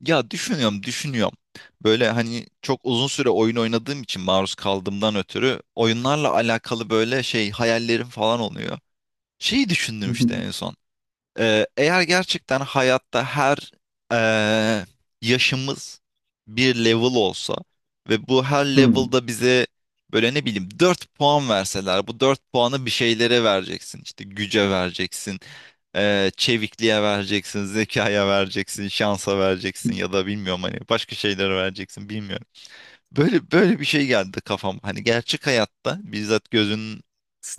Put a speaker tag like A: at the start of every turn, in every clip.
A: Ya düşünüyorum, düşünüyorum. Böyle hani çok uzun süre oyun oynadığım için maruz kaldığımdan ötürü oyunlarla alakalı böyle şey hayallerim falan oluyor. Şeyi
B: Hı
A: düşündüm
B: hı.
A: işte en son. Eğer gerçekten hayatta her eee, yaşımız bir level olsa ve bu her
B: Hımm.
A: level'da bize böyle ne bileyim 4 puan verseler bu 4 puanı bir şeylere vereceksin. İşte güce vereceksin, çevikliğe vereceksin, zekaya vereceksin, şansa vereceksin ya da bilmiyorum hani başka şeylere vereceksin bilmiyorum. Böyle böyle bir şey geldi kafam. Hani gerçek hayatta bizzat gözünün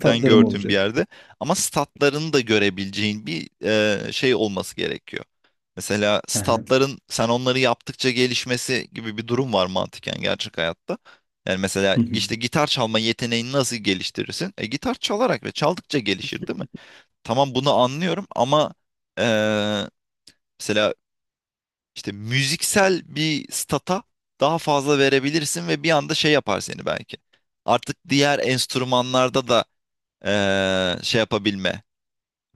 A: den gördüğüm bir
B: olacak.
A: yerde. Ama statlarını da görebileceğin bir şey olması gerekiyor. Mesela
B: He he.
A: statların sen onları yaptıkça gelişmesi gibi bir durum var mantıken gerçek hayatta. Yani mesela
B: Hı hı.
A: işte gitar çalma yeteneğini nasıl geliştirirsin? Gitar çalarak ve çaldıkça gelişir değil mi? Tamam bunu anlıyorum ama e, mesela işte müziksel bir stata daha fazla verebilirsin ve bir anda şey yapar seni belki. Artık diğer enstrümanlarda da şey yapabilme,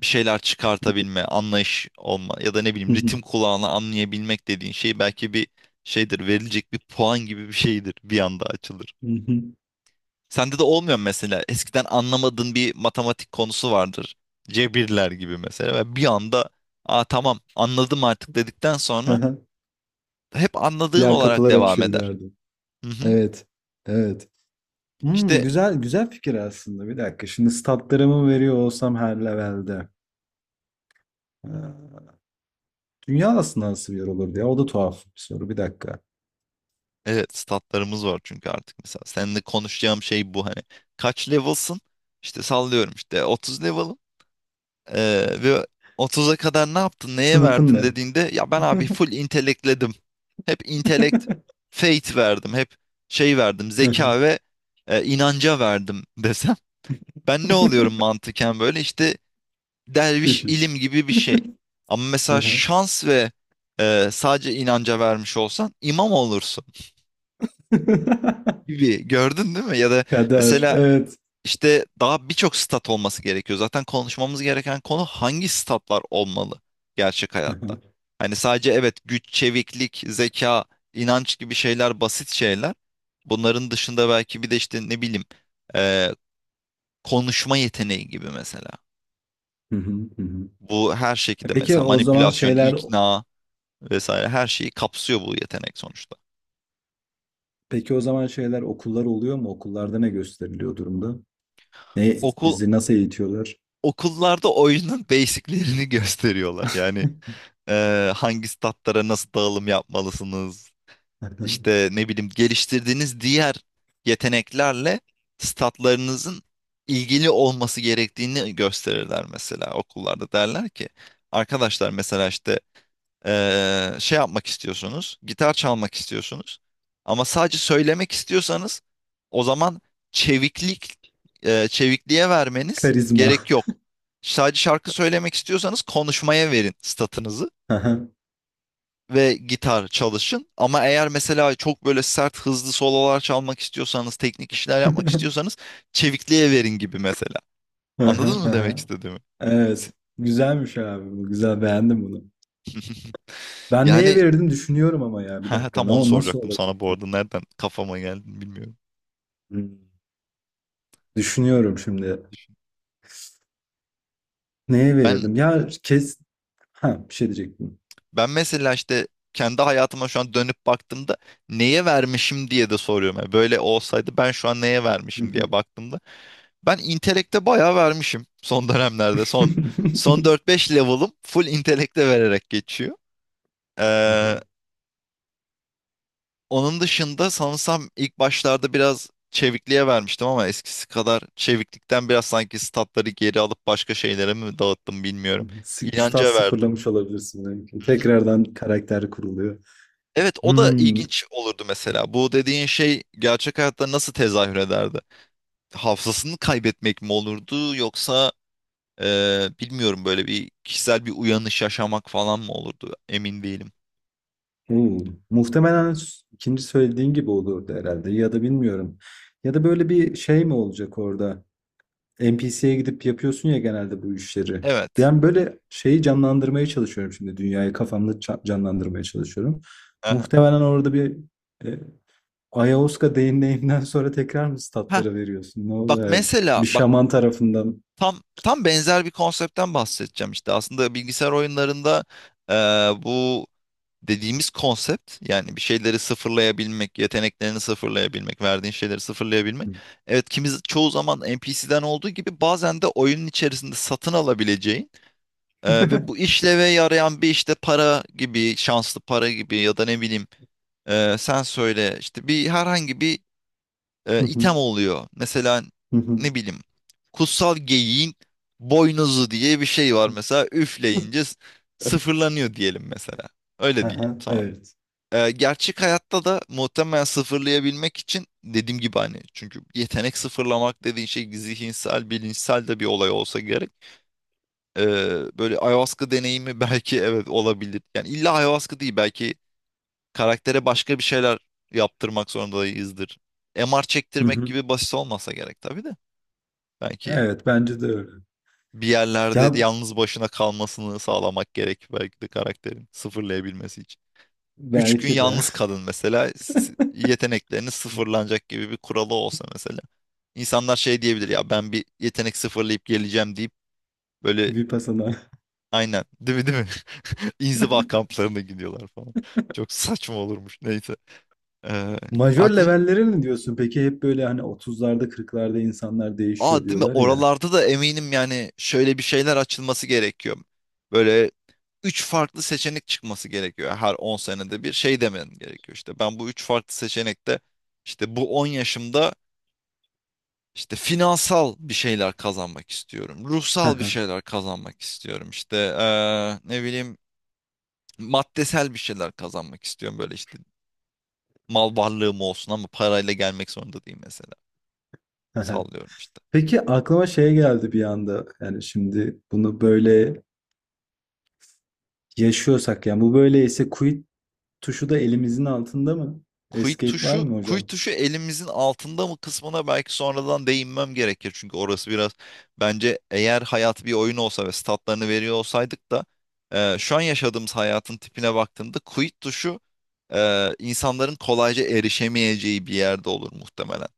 A: bir şeyler çıkartabilme, anlayış olma ya da ne
B: Hı
A: bileyim
B: hı.
A: ritim kulağına anlayabilmek dediğin şey belki bir şeydir, verilecek bir puan gibi bir şeydir bir anda açılır.
B: Hı hı.
A: Sende de olmuyor mu mesela eskiden anlamadığın bir matematik konusu vardır. Cebirler gibi mesela ve bir anda aa tamam anladım artık dedikten
B: Hı
A: sonra
B: hı.
A: hep anladığın
B: Diğer
A: olarak
B: kapılar
A: devam
B: açıyor bir
A: eder.
B: yerde.
A: Hı hı.
B: Evet. Evet. Hımm,
A: İşte
B: güzel güzel fikir aslında. Bir dakika, şimdi statlarımı veriyor olsam her level'de, eee, dünya aslında nasıl bir yer olur diye, o da tuhaf bir soru. Bir dakika.
A: evet statlarımız var çünkü artık mesela seninle konuşacağım şey bu hani kaç level'sın? İşte sallıyorum işte 30 level'ım. Ve 30'a kadar ne yaptın, neye
B: Sınıfın
A: verdin
B: ne?
A: dediğinde ya ben abi full intelekledim. Hep intelekt, faith verdim. Hep şey verdim,
B: Hı hı.
A: zeka ve inanca verdim desem. Ben ne oluyorum mantıken böyle işte derviş
B: Keşiş.
A: ilim gibi bir şey. Ama
B: Hı
A: mesela
B: hı.
A: şans ve sadece inanca vermiş olsan imam olursun gibi gördün değil mi? Ya da
B: Kader.
A: mesela
B: Evet.
A: İşte daha birçok stat olması gerekiyor. Zaten konuşmamız gereken konu hangi statlar olmalı gerçek
B: Hı
A: hayatta?
B: hı.
A: Hani sadece evet güç, çeviklik, zeka, inanç gibi şeyler basit şeyler. Bunların dışında belki bir de işte ne bileyim eee, konuşma yeteneği gibi mesela.
B: Hı hı. Hı hı.
A: Bu her
B: E
A: şekilde
B: Peki
A: mesela
B: o zaman
A: manipülasyon,
B: şeyler
A: ikna vesaire her şeyi kapsıyor bu yetenek sonuçta.
B: peki o zaman şeyler okullar oluyor mu? Okullarda ne gösteriliyor durumda? Ne
A: Okul
B: bizi nasıl eğitiyorlar?
A: okullarda oyunun basiclerini gösteriyorlar. Yani hangi statlara nasıl dağılım yapmalısınız? İşte ne bileyim geliştirdiğiniz diğer yeteneklerle statlarınızın ilgili olması gerektiğini gösterirler mesela okullarda derler ki arkadaşlar mesela işte şey yapmak istiyorsunuz, gitar çalmak istiyorsunuz. Ama sadece söylemek istiyorsanız o zaman çeviklik, çevikliğe vermeniz
B: Karizma.
A: gerek yok. Sadece şarkı söylemek istiyorsanız konuşmaya verin statınızı
B: Aha.
A: ve gitar çalışın. Ama eğer mesela çok böyle sert, hızlı sololar çalmak istiyorsanız, teknik işler yapmak istiyorsanız çevikliğe verin gibi mesela. Anladın
B: Aha,
A: mı demek
B: aha.
A: istediğimi?
B: Evet. Güzelmiş abi bu. Güzel beğendim bunu. Ben neye
A: Yani
B: verirdim düşünüyorum ama ya bir dakika.
A: tam
B: Ne
A: onu
B: o nasıl
A: soracaktım
B: olabilir
A: sana bu
B: ki?
A: arada. Nereden kafama geldi bilmiyorum.
B: Hmm, düşünüyorum şimdi. Neye
A: Ben
B: verirdim? Ya kes ha bir şey diyecektim.
A: ben mesela işte kendi hayatıma şu an dönüp baktığımda neye vermişim diye de soruyorum. Yani böyle olsaydı ben şu an neye vermişim
B: Hı
A: diye baktığımda ben intelekte bayağı vermişim son dönemlerde. Son dört beş level'ım full intelekte vererek geçiyor. Ee,
B: hı.
A: onun dışında sanırsam ilk başlarda biraz çevikliğe vermiştim ama eskisi kadar çeviklikten biraz sanki statları geri alıp başka şeylere mi dağıttım bilmiyorum.
B: Stat
A: İnanca verdim.
B: sıfırlamış olabilirsin belki. Tekrardan karakter kuruluyor.
A: Evet o da
B: Hmm,
A: ilginç olurdu mesela. Bu dediğin şey gerçek hayatta nasıl tezahür ederdi? Hafızasını kaybetmek mi olurdu yoksa bilmiyorum böyle bir kişisel bir uyanış yaşamak falan mı olurdu? Emin değilim.
B: oo. Muhtemelen ikinci söylediğin gibi olurdu herhalde ya da bilmiyorum. Ya da böyle bir şey mi olacak orada? NPC'ye gidip yapıyorsun ya genelde bu işleri.
A: Evet.
B: Ben böyle şeyi canlandırmaya çalışıyorum şimdi dünyayı kafamda canlandırmaya çalışıyorum.
A: Aha.
B: Muhtemelen orada bir e, Ayahuasca deneyiminden sonra tekrar mı
A: Heh,
B: statlara veriyorsun? Ne
A: bak
B: oluyor artık?
A: mesela
B: Bir
A: bak
B: şaman tarafından.
A: tam benzer bir konseptten bahsedeceğim işte. Aslında bilgisayar oyunlarında e, bu dediğimiz konsept yani bir şeyleri sıfırlayabilmek, yeteneklerini sıfırlayabilmek, verdiğin şeyleri sıfırlayabilmek. Evet kimi çoğu zaman NPC'den olduğu gibi bazen de oyunun içerisinde satın alabileceğin ve bu işleve yarayan bir işte para gibi, şanslı para gibi ya da ne bileyim sen söyle işte bir herhangi bir item oluyor. Mesela ne bileyim kutsal geyiğin boynuzu diye bir şey var mesela üfleyince sıfırlanıyor diyelim mesela. Öyle değil.
B: Aha, evet.
A: Gerçek hayatta da muhtemelen sıfırlayabilmek için dediğim gibi hani çünkü yetenek sıfırlamak dediğin şey zihinsel, bilinçsel de bir olay olsa gerek. Böyle ayahuasca deneyimi belki evet olabilir. Yani illa ayahuasca değil belki karaktere başka bir şeyler yaptırmak zorundayızdır. MR
B: Hı
A: çektirmek
B: hı.
A: gibi basit olmasa gerek tabii de. Belki
B: Evet bence de öyle.
A: bir yerlerde
B: Ya
A: yalnız başına kalmasını sağlamak gerek belki de karakterin sıfırlayabilmesi. 3 gün
B: belki de
A: yalnız kalın mesela yetenekleriniz sıfırlanacak gibi bir kuralı olsa mesela. İnsanlar şey diyebilir ya ben bir yetenek sıfırlayıp geleceğim deyip böyle
B: Vipassana.
A: aynen değil mi? İnziva kamplarına gidiyorlar falan. Çok saçma olurmuş neyse. Ee,
B: Majör
A: aklım
B: levelleri mi diyorsun? Peki hep böyle hani otuzlarda kırklarda insanlar değişiyor
A: aa değil mi
B: diyorlar ya.
A: oralarda da eminim yani şöyle bir şeyler açılması gerekiyor. Böyle üç farklı seçenek çıkması gerekiyor. Her 10 senede bir şey demen gerekiyor. İşte ben bu üç farklı seçenekte işte bu 10 yaşımda İşte finansal bir şeyler kazanmak istiyorum. Ruhsal bir şeyler kazanmak istiyorum. İşte ne bileyim maddesel bir şeyler kazanmak istiyorum. Böyle işte mal varlığım olsun ama parayla gelmek zorunda değil mesela. Sallıyorum işte.
B: Peki aklıma şey geldi bir anda. Yani şimdi bunu böyle yaşıyorsak yani bu böyleyse quit tuşu da elimizin altında mı?
A: Quit
B: Escape var
A: tuşu,
B: mı
A: quit
B: hocam?
A: tuşu elimizin altında mı kısmına belki sonradan değinmem gerekir. Çünkü orası biraz bence eğer hayat bir oyun olsa ve statlarını veriyor olsaydık da şu an yaşadığımız hayatın tipine baktığımda quit tuşu insanların kolayca erişemeyeceği bir yerde olur muhtemelen.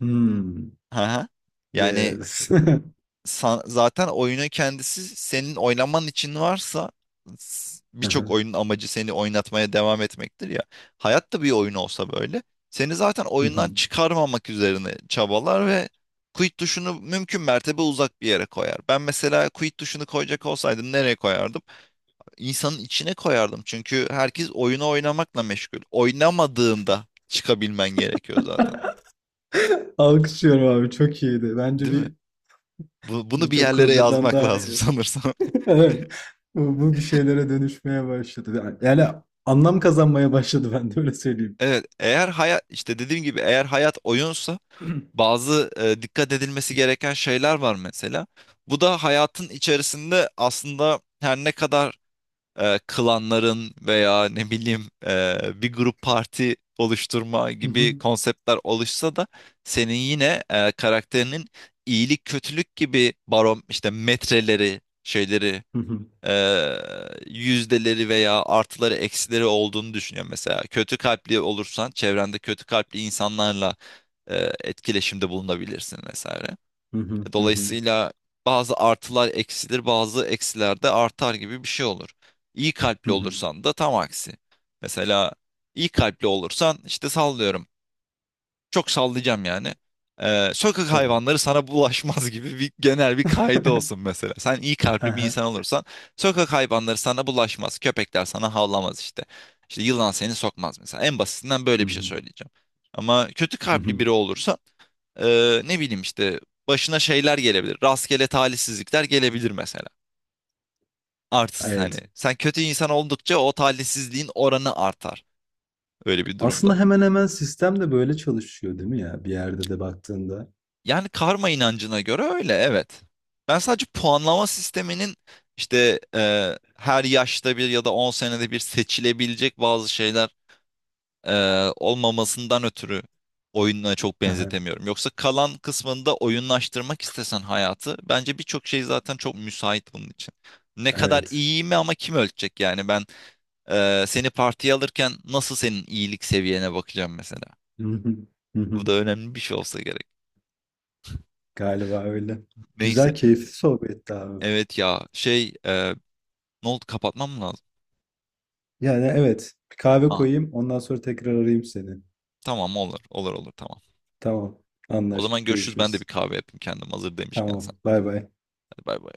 B: Hmm.
A: Hı hı. Yani
B: Yes.
A: zaten oyunun kendisi senin oynaman için varsa birçok oyunun amacı seni oynatmaya devam etmektir ya. Hayat da bir oyun olsa böyle seni zaten oyundan çıkarmamak üzerine çabalar ve quit tuşunu mümkün mertebe uzak bir yere koyar. Ben mesela quit tuşunu koyacak olsaydım nereye koyardım? İnsanın içine koyardım çünkü herkes oyunu oynamakla meşgul. Oynamadığında çıkabilmen gerekiyor zaten.
B: Alkışlıyorum abi çok iyiydi. Bence
A: Değil mi?
B: bir
A: Bunu bir
B: birçok
A: yerlere
B: coder'dan
A: yazmak
B: daha
A: lazım
B: iyi.
A: sanırsam.
B: Evet. Bu, bu bir şeylere dönüşmeye başladı. Yani anlam kazanmaya başladı ben de öyle söyleyeyim.
A: Evet, eğer hayat işte dediğim gibi eğer hayat oyunsa bazı dikkat edilmesi gereken şeyler var mesela. Bu da hayatın içerisinde aslında her ne kadar klanların veya ne bileyim bir grup parti oluşturma
B: Hı hı.
A: gibi konseptler oluşsa da senin yine karakterinin iyilik kötülük gibi barom işte metreleri şeyleri
B: Hı hı.
A: yüzdeleri veya artıları eksileri olduğunu düşünüyorum. Mesela kötü kalpli olursan çevrende kötü kalpli insanlarla etkileşimde bulunabilirsin vesaire.
B: Hı hı. Hı hı.
A: Dolayısıyla bazı artılar eksilir, bazı eksiler de artar gibi bir şey olur. İyi
B: Hı
A: kalpli
B: hı.
A: olursan da tam aksi. Mesela iyi kalpli olursan işte sallıyorum. Çok sallayacağım yani. Sokak
B: Tabii.
A: hayvanları sana bulaşmaz gibi bir genel bir kaydı olsun mesela. Sen iyi kalpli bir
B: Aha.
A: insan olursan sokak hayvanları sana bulaşmaz. Köpekler sana havlamaz işte. İşte yılan seni sokmaz mesela. En basitinden
B: Hı
A: böyle bir şey
B: hı.
A: söyleyeceğim. Ama kötü
B: Hı
A: kalpli
B: hı.
A: biri olursan ne bileyim işte başına şeyler gelebilir. Rastgele talihsizlikler gelebilir mesela. Artı hani
B: Evet.
A: sen kötü insan oldukça o talihsizliğin oranı artar öyle bir durumda.
B: Aslında hemen hemen sistem de böyle çalışıyor değil mi ya? Bir yerde de baktığında.
A: Yani karma inancına göre öyle evet. Ben sadece puanlama sisteminin işte her yaşta bir ya da 10 senede bir seçilebilecek bazı şeyler e, olmamasından ötürü oyununa çok
B: Aha.
A: benzetemiyorum. Yoksa kalan kısmında oyunlaştırmak istesen hayatı bence birçok şey zaten çok müsait bunun için. Ne kadar
B: Evet.
A: iyi mi ama kim ölçecek yani ben seni partiye alırken nasıl senin iyilik seviyene bakacağım mesela.
B: Hı hı. Hı
A: Bu da
B: hı.
A: önemli bir şey olsa gerek.
B: Galiba öyle.
A: Neyse.
B: Güzel, keyifli sohbetti abi.
A: Evet ya ne oldu, kapatmam mı lazım?
B: Yani evet. Bir kahve
A: Ha,
B: koyayım. Ondan sonra tekrar arayayım seni.
A: tamam olur olur olur tamam.
B: Tamam.
A: O zaman
B: Anlaştık.
A: görüşürüz ben de bir
B: Görüşürüz.
A: kahve yapayım kendim hazır demişken
B: Tamam.
A: sen.
B: Bay bay.
A: Hadi bay bay.